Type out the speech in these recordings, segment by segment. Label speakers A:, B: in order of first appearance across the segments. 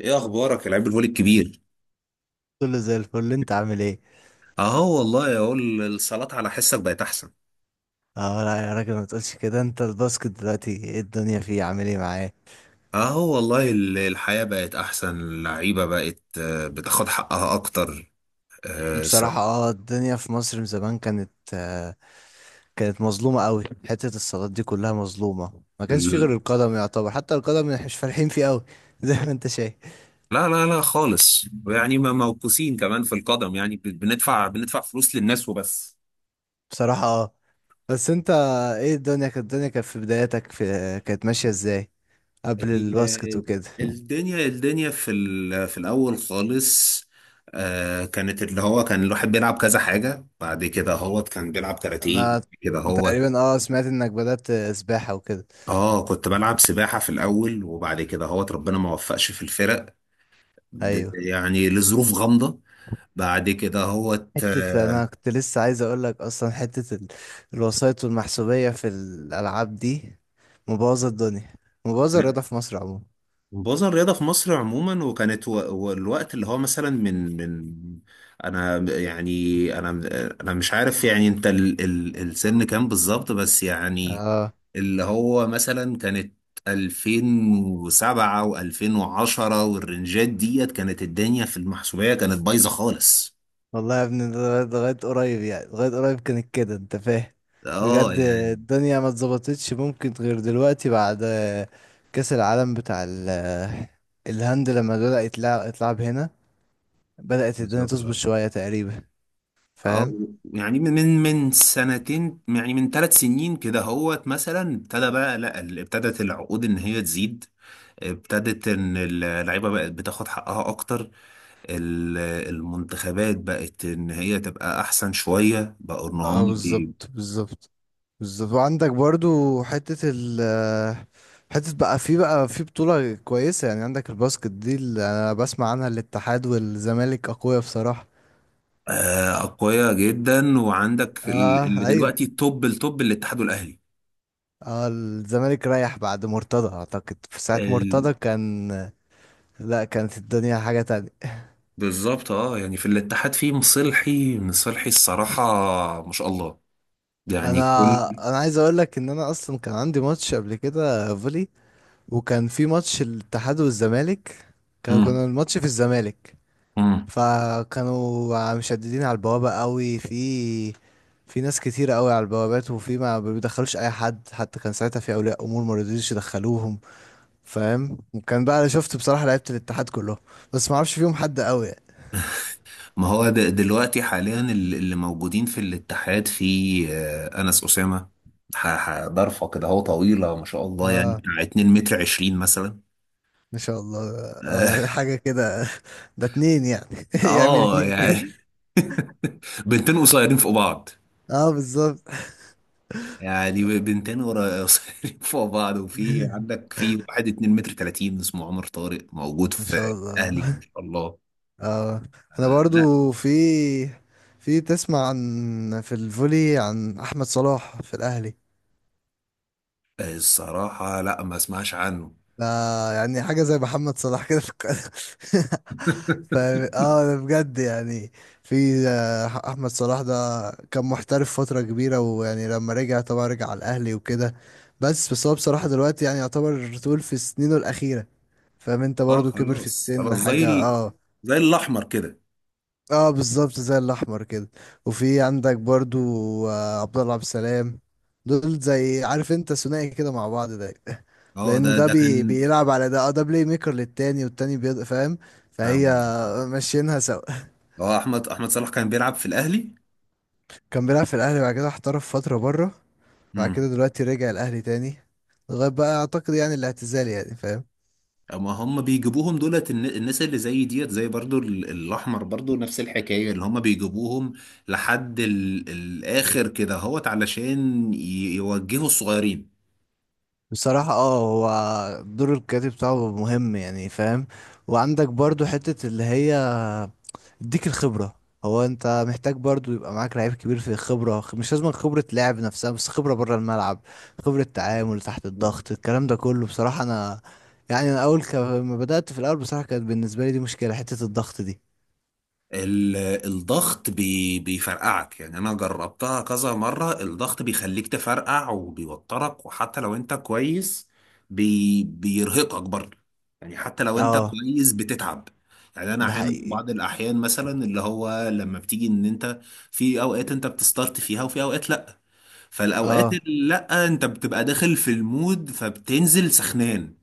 A: ايه اخبارك يا لعيب الفولي الكبير؟
B: كله زي الفل، انت عامل ايه؟
A: اهو والله اقول الصلاة على حسك بقت احسن.
B: اه لا يا راجل ما تقولش كده. انت الباسكت دلوقتي ايه الدنيا فيه؟ عامل ايه معاه؟
A: اهو والله الحياة بقت احسن، اللعيبة بقت بتاخد حقها اكتر. آه، سو...
B: بصراحة الدنيا في مصر من زمان كانت كانت مظلومة قوي. حتة الصالات دي كلها مظلومة، ما كانش فيه غير
A: ال-
B: القدم يعتبر، حتى القدم مش فالحين فيه قوي زي ما انت شايف.
A: لا لا لا خالص، يعني ما موقوسين كمان في القدم، يعني بندفع فلوس للناس وبس.
B: بصراحة بس انت ايه الدنيا كانت في بداياتك، كانت ماشية ازاي قبل الباسكت
A: ال-
B: وكده؟
A: الدنيا في في الاول خالص، كانت اللي هو كان الواحد بيلعب كذا حاجة، بعد كده هو كان بيلعب كاراتيه
B: انا
A: كده هو.
B: تقريبا سمعت انك بدأت سباحة وكده.
A: اه، كنت بلعب سباحة في الأول، وبعد كده هوت ربنا ما وفقش في الفرق،
B: ايوه،
A: يعني لظروف غامضة. بعد كده هوت
B: حتة أنا كنت لسه عايز أقولك أصلا، حتة الوسائط والمحسوبية في الألعاب دي مبوظة الدنيا، مبوظة
A: لا،
B: الرياضة في مصر عموما.
A: بوظ الرياضة في مصر عموما، وكانت والوقت اللي هو مثلا من أنا أنا مش عارف، يعني أنت ال ال السن كام بالظبط؟ بس يعني
B: اه
A: اللي هو مثلا كانت 2007 و2010 والرنجات ديت، كانت الدنيا في المحسوبية كانت بايظة خالص.
B: والله يا ابني لغاية قريب، يعني لغاية قريب كانت كده، أنت فاهم.
A: اه
B: بجد
A: يعني،
B: الدنيا ما اتظبطتش ممكن غير دلوقتي بعد كأس العالم بتاع الهند لما بدأ يتلعب هنا. بدأت الدنيا
A: بالظبط
B: تظبط
A: اه.
B: شوية تقريبا،
A: اه
B: فاهم؟
A: يعني من سنتين، يعني من 3 سنين كده هوت، مثلا ابتدى بقى لا ابتدت العقود ان هي تزيد، ابتدت ان اللعيبه بقت بتاخد حقها اكتر. ال- المنتخبات بقت ان هي تبقى احسن شويه، بقوا ان
B: اه
A: هم
B: بالظبط بالظبط بالظبط وعندك برضو حتة حتة بقى في بطولة كويسة، يعني عندك الباسكت دي اللي أنا بسمع عنها، الاتحاد والزمالك أقوياء بصراحة.
A: اقوياء جدا. وعندك اللي
B: اه
A: دلوقتي
B: أيوه،
A: التوب الاتحاد والاهلي.
B: اه الزمالك رايح بعد مرتضى. أعتقد في ساعة
A: ال-
B: مرتضى كان، لا، كانت الدنيا حاجة تانية.
A: بالظبط اه، يعني في الاتحاد في مصلحي الصراحه، ما شاء الله،
B: أنا
A: يعني كل.
B: أنا عايز أقولك إن أنا أصلا كان عندي ماتش قبل كده فولي، وكان في ماتش الاتحاد والزمالك. كان
A: مم.
B: كان الماتش في الزمالك،
A: مم.
B: فكانوا مشددين على البوابة قوي. في في ناس كتير قوي على البوابات وفي ما بيدخلوش اي حد، حتى كان ساعتها في اولياء امور ما رضيوش يدخلوهم، فاهم؟ وكان بقى انا شفت بصراحة لعيبة الاتحاد كلهم، بس ما اعرفش فيهم حد قوي يعني.
A: ما هو دلوقتي حاليا اللي موجودين في الاتحاد في أنس أسامة. ضرفة كده هو طويلة ما شاء الله، يعني
B: اه،
A: بتاع 2 متر 20 مثلا.
B: ما شاء الله.
A: اه
B: حاجة كده ده اتنين يعني. يعمل اتنين.
A: يعني بنتين قصيرين فوق بعض،
B: اه بالظبط.
A: يعني بنتين قصيرين فوق بعض. وفي عندك في واحد 2 متر 30 اسمه عمر طارق موجود
B: ما شاء
A: في
B: الله.
A: أهلي، ما شاء الله.
B: اه احنا
A: آه لا.
B: برضو في في تسمع عن في الفولي عن احمد صلاح في الاهلي؟
A: الصراحة لا، ما اسمعش عنه.
B: ده يعني حاجة زي محمد صلاح كده في القناة. ف اه ده بجد يعني. في أحمد صلاح ده كان محترف فترة كبيرة، ويعني لما رجع طبعا رجع على الأهلي وكده. بس هو بصراحة دلوقتي يعني يعتبر طول في سنينه الأخيرة، فاهم؟ انت
A: اه
B: برضو كبر في
A: خلاص
B: السن
A: خلاص، زي
B: حاجة اه.
A: زي الاحمر كده.
B: اه بالظبط زي الأحمر كده. وفي عندك برضو عبد الله عبد السلام، دول زي عارف انت ثنائي كده مع بعض. ده
A: اه ده
B: لان ده
A: ده كان،
B: بيلعب على ده، ده بلاي ميكر للتاني والتاني بيض، فاهم؟
A: فاهم
B: فهي
A: قصدي.
B: ماشيينها سوا.
A: اه احمد صلاح كان بيلعب في الاهلي.
B: كان بيلعب في الاهلي، بعد كده احترف فتره بره، بعد
A: امم.
B: كده دلوقتي رجع الاهلي تاني لغايه بقى اعتقد يعني الاعتزال، يعني فاهم.
A: اما هم بيجيبوهم دولت الناس اللي زي ديت، زي برضو الاحمر برضو نفس الحكايه، اللي هم بيجيبوهم لحد الاخر كده اهوت، علشان يوجهوا الصغيرين.
B: بصراحة هو دور الكاتب بتاعه مهم يعني، فاهم؟ وعندك برضو حتة اللي هي يديك الخبرة. هو انت محتاج برضو يبقى معاك لعيب كبير في الخبرة، مش لازم خبرة لعب نفسها بس، خبرة بره الملعب، خبرة تعامل تحت الضغط، الكلام ده كله. بصراحة انا يعني انا اول ما بدأت في الاول بصراحة كانت بالنسبة لي دي مشكلة، حتة الضغط دي.
A: ال- الضغط بيفرقعك، يعني انا جربتها كذا مرة. الضغط بيخليك تفرقع وبيوترك، وحتى لو انت كويس بيرهقك برضه، يعني حتى لو انت
B: اه
A: كويس بتتعب. يعني انا
B: ده
A: احيانا في
B: حقيقي.
A: بعض الاحيان مثلا اللي هو لما بتيجي ان انت في اوقات انت بتستارت فيها، وفي اوقات لا. فالاوقات
B: اه
A: اللي لا، انت بتبقى داخل في المود، فبتنزل سخنان.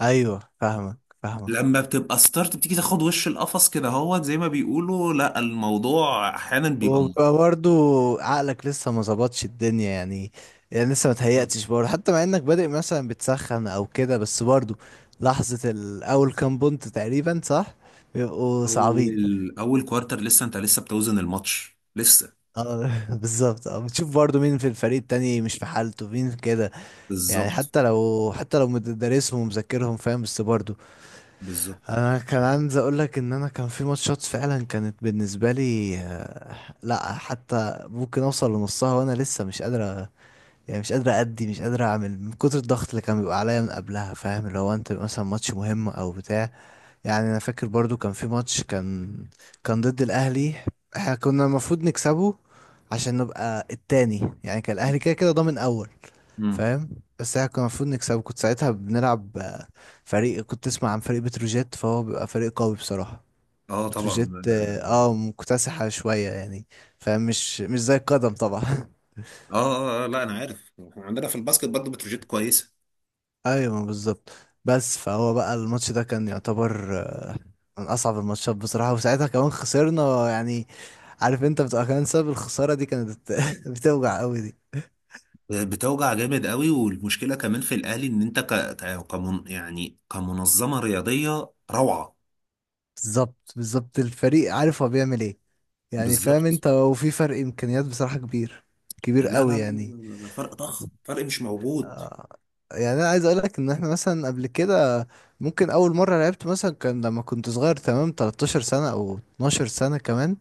B: ايوه فاهمك فاهمك.
A: لما بتبقى ستارت، بتيجي تاخد وش القفص كده هو، زي ما بيقولوا، لا الموضوع احيانا بيبقى مهم.
B: وبيبقى برضو عقلك لسه ما ظبطش الدنيا يعني، يعني لسه ما
A: بالظبط،
B: تهيأتش برضه حتى مع انك بادئ مثلا بتسخن او كده، بس برضو لحظة الاول كام بونت تقريبا صح، بيبقوا صعبين.
A: اول اول كوارتر لسه، انت لسه بتوزن الماتش لسه.
B: اه بالظبط، اه بتشوف برضو مين في الفريق التاني مش في حالته، مين كده، يعني
A: بالظبط.
B: حتى لو حتى لو مدرسهم ومذاكرهم، فاهم؟ بس برضو
A: بالظبط.
B: انا كان عايز اقول لك ان انا كان في ماتشات فعلا كانت بالنسبة لي لا، حتى ممكن اوصل لنصها وانا لسه مش قادر، يعني مش قادر أدي، مش قادر أعمل من كتر الضغط اللي كان بيبقى عليا من قبلها، فاهم؟ اللي هو أنت مثلا ماتش مهم أو بتاع. يعني أنا فاكر برضو كان في ماتش، كان ضد الأهلي. احنا كنا المفروض نكسبه عشان نبقى التاني، يعني كان الأهلي كده كده ضامن أول،
A: امم.
B: فاهم؟ بس احنا كنا المفروض نكسبه. كنت ساعتها بنلعب فريق، كنت تسمع عن فريق بتروجيت، فهو بيبقى فريق قوي بصراحة.
A: اه طبعا.
B: بتروجيت اه، مكتسحة شوية يعني، فاهم؟ مش مش زي القدم طبعا.
A: آه، آه، اه لا، انا عارف، احنا عندنا في الباسكت برضه بتروجيت كويسه.
B: ايوه بالظبط. بس فهو بقى الماتش ده كان يعتبر من اصعب الماتشات بصراحه، وساعتها كمان خسرنا يعني. عارف انت بتبقى كمان، سبب الخساره دي كانت بتوجع قوي دي.
A: بتوجع جامد قوي، والمشكله كمان في الاهلي ان انت يعني كمنظمه رياضيه روعه.
B: بالظبط بالظبط، الفريق عارف هو بيعمل ايه، يعني فاهم
A: بالظبط.
B: انت، وفي فرق امكانيات بصراحه كبير،
A: لا
B: كبير قوي
A: لا لا
B: يعني.
A: لا، فرق ضخم، فرق مش موجود.
B: آه، يعني انا عايز اقول لك ان احنا مثلا قبل كده ممكن اول مره لعبت مثلا، كان لما كنت صغير تمام 13 سنه او 12 سنه كمان،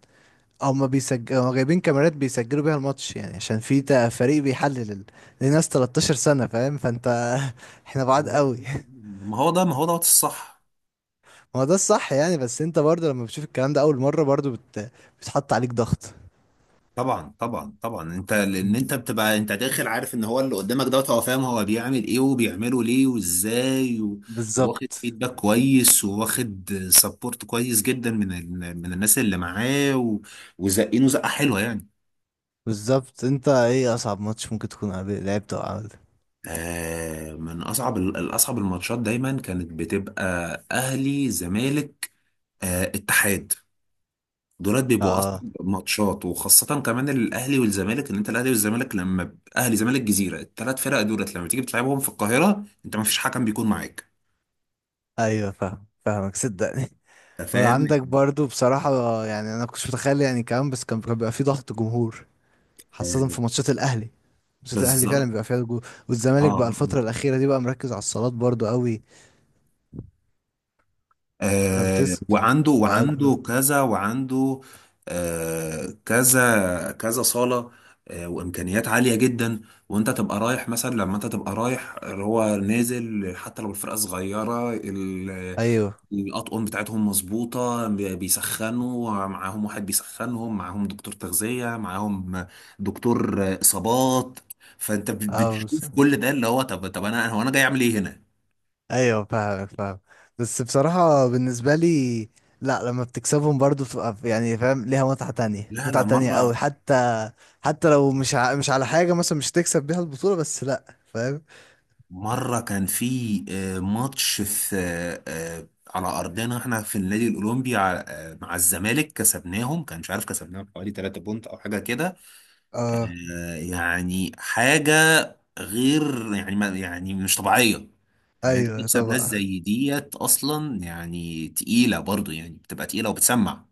B: هما بيسجلوا جايبين كاميرات بيسجلوا بيها الماتش، يعني عشان في فريق بيحلل لناس 13 سنة، فاهم؟ فانت احنا بعاد
A: والله.
B: قوي.
A: ما هو دوت الصح.
B: ما هو ده الصح يعني، بس انت برضه لما بتشوف الكلام ده اول مرة برضه بتحط عليك ضغط.
A: طبعا طبعا طبعا، انت لان
B: مم.
A: انت بتبقى انت داخل عارف ان هو اللي قدامك دوت، هو فاهم هو بيعمل ايه وبيعمله ليه وازاي، وواخد
B: بالظبط
A: فيدباك كويس، وواخد سبورت كويس جدا من من الناس اللي معاه، وزقينه زقه حلوه يعني.
B: بالظبط. انت ايه اصعب ماتش ممكن تكون لعبته او عملته؟
A: آه، من اصعب الاصعب الماتشات دايما كانت بتبقى اهلي زمالك، آه اتحاد. دولات بيبقوا اصلا
B: اه
A: ماتشات، وخاصه كمان الاهلي والزمالك، ان انت الاهلي والزمالك لما اهلي زمالك جزيره، الثلاث فرق دولت لما تيجي بتلعبهم في القاهره، انت ما فيش حكم بيكون معاك.
B: ايوه فاهم فاهمك صدقني.
A: أنت فاهم.
B: وعندك برضه بصراحة يعني انا كنتش متخيل يعني كمان، بس كان بيبقى في ضغط جمهور خاصة
A: آه،
B: في ماتشات الأهلي. ماتشات الأهلي فعلا
A: بالظبط
B: بيبقى فيها جول،
A: اه.
B: والزمالك بقى
A: آه.
B: الفترة الأخيرة دي بقى مركز على الصالات برضو قوي. لو تس
A: وعنده
B: بقى
A: وعنده كذا وعنده كذا كذا صالة، وإمكانيات عالية جدا. وأنت تبقى رايح مثلا، لما أنت تبقى رايح هو نازل، حتى لو الفرقة صغيرة
B: أيوه.
A: الأطقم بتاعتهم مظبوطة، بيسخنوا معاهم واحد، بيسخنهم معاهم دكتور تغذية معاهم، دكتور إصابات. فأنت
B: أه بس،
A: بتشوف كل ده، اللي هو طب طب، أنا هو أنا جاي أعمل إيه هنا؟
B: أيوه فاهم فاهم. بس بصراحة بالنسبة لي لا، لما بتكسبهم برضو بتبقى ف يعني، فاهم؟ ليها متعة تانية،
A: لا لا،
B: متعة تانية قوي،
A: مرة.
B: حتى حتى لو مش ع مش على حاجة، مثلا مش تكسب بيها البطولة بس، لا فاهم.
A: مرة كان في ماتش في على أرضنا احنا في النادي الأولمبي، مع الزمالك كسبناهم، كان مش عارف كسبناهم حوالي 3 بونت أو حاجة كده.
B: أه
A: يعني حاجة غير، يعني ما يعني مش طبيعية، إن أنت
B: أيوه
A: تكسب ناس
B: طبعا.
A: زي ديت، أصلا يعني تقيلة برضو، يعني بتبقى تقيلة وبتسمع،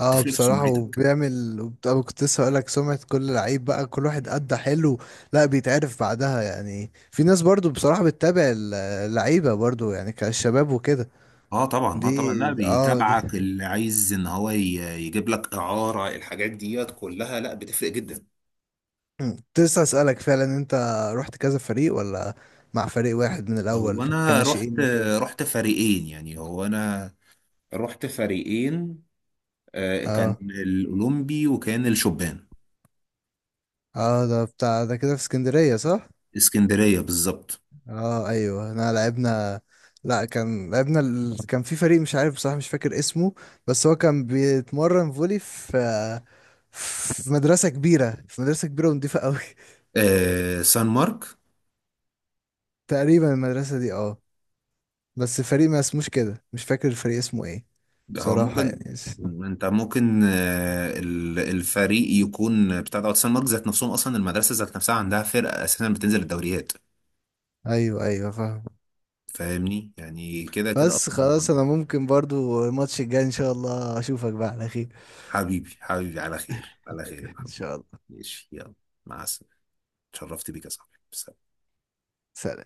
B: اه
A: بتفرق في
B: بصراحة،
A: سمعتك.
B: وبيعمل أنا كنت لسه هقولك، سمعة كل لعيب بقى كل واحد أدى حلو، لا بيتعرف بعدها، يعني في ناس برضو بصراحة بتتابع اللعيبة برضو يعني كالشباب وكده.
A: اه طبعا، اه
B: دي
A: طبعا، لا
B: اه دي
A: بيتابعك اللي عايز ان هو يجيب لك اعاره، الحاجات ديت كلها لا بتفرق جدا.
B: مم. كنت لسه أسألك فعلا، انت رحت كذا فريق ولا مع فريق واحد من
A: هو
B: الأول
A: انا
B: كناشئين وكده؟
A: رحت فريقين، يعني هو انا رحت فريقين، كان
B: اه،
A: الاولمبي وكان الشبان.
B: اه ده بتاع ده كده في اسكندرية صح؟
A: اسكندريه بالظبط.
B: اه ايوه احنا لعبنا، لا كان لعبنا كان في فريق مش عارف بصراحة مش فاكر اسمه، بس هو كان بيتمرن فولي في في مدرسة كبيرة، في مدرسة كبيرة ونضيفة قوي.
A: سان مارك.
B: تقريبا المدرسة دي اه، بس الفريق ما اسموش كده مش فاكر الفريق اسمه ايه
A: ده هو
B: بصراحة
A: ممكن،
B: يعني.
A: انت ممكن الفريق يكون بتاع دوت سان مارك ذات نفسهم، اصلا المدرسه ذات نفسها عندها فرقه اساسا بتنزل الدوريات.
B: ايوه ايوه فاهم.
A: فاهمني، يعني كده كده
B: بس
A: اصلا.
B: خلاص انا ممكن برضو الماتش الجاي ان شاء الله اشوفك بقى على خير.
A: حبيبي حبيبي، على خير على خير يا
B: ان
A: محمد.
B: شاء الله.
A: ماشي يلا، مع السلامه، اتشرفت بيك يا صاحبي.
B: سلام.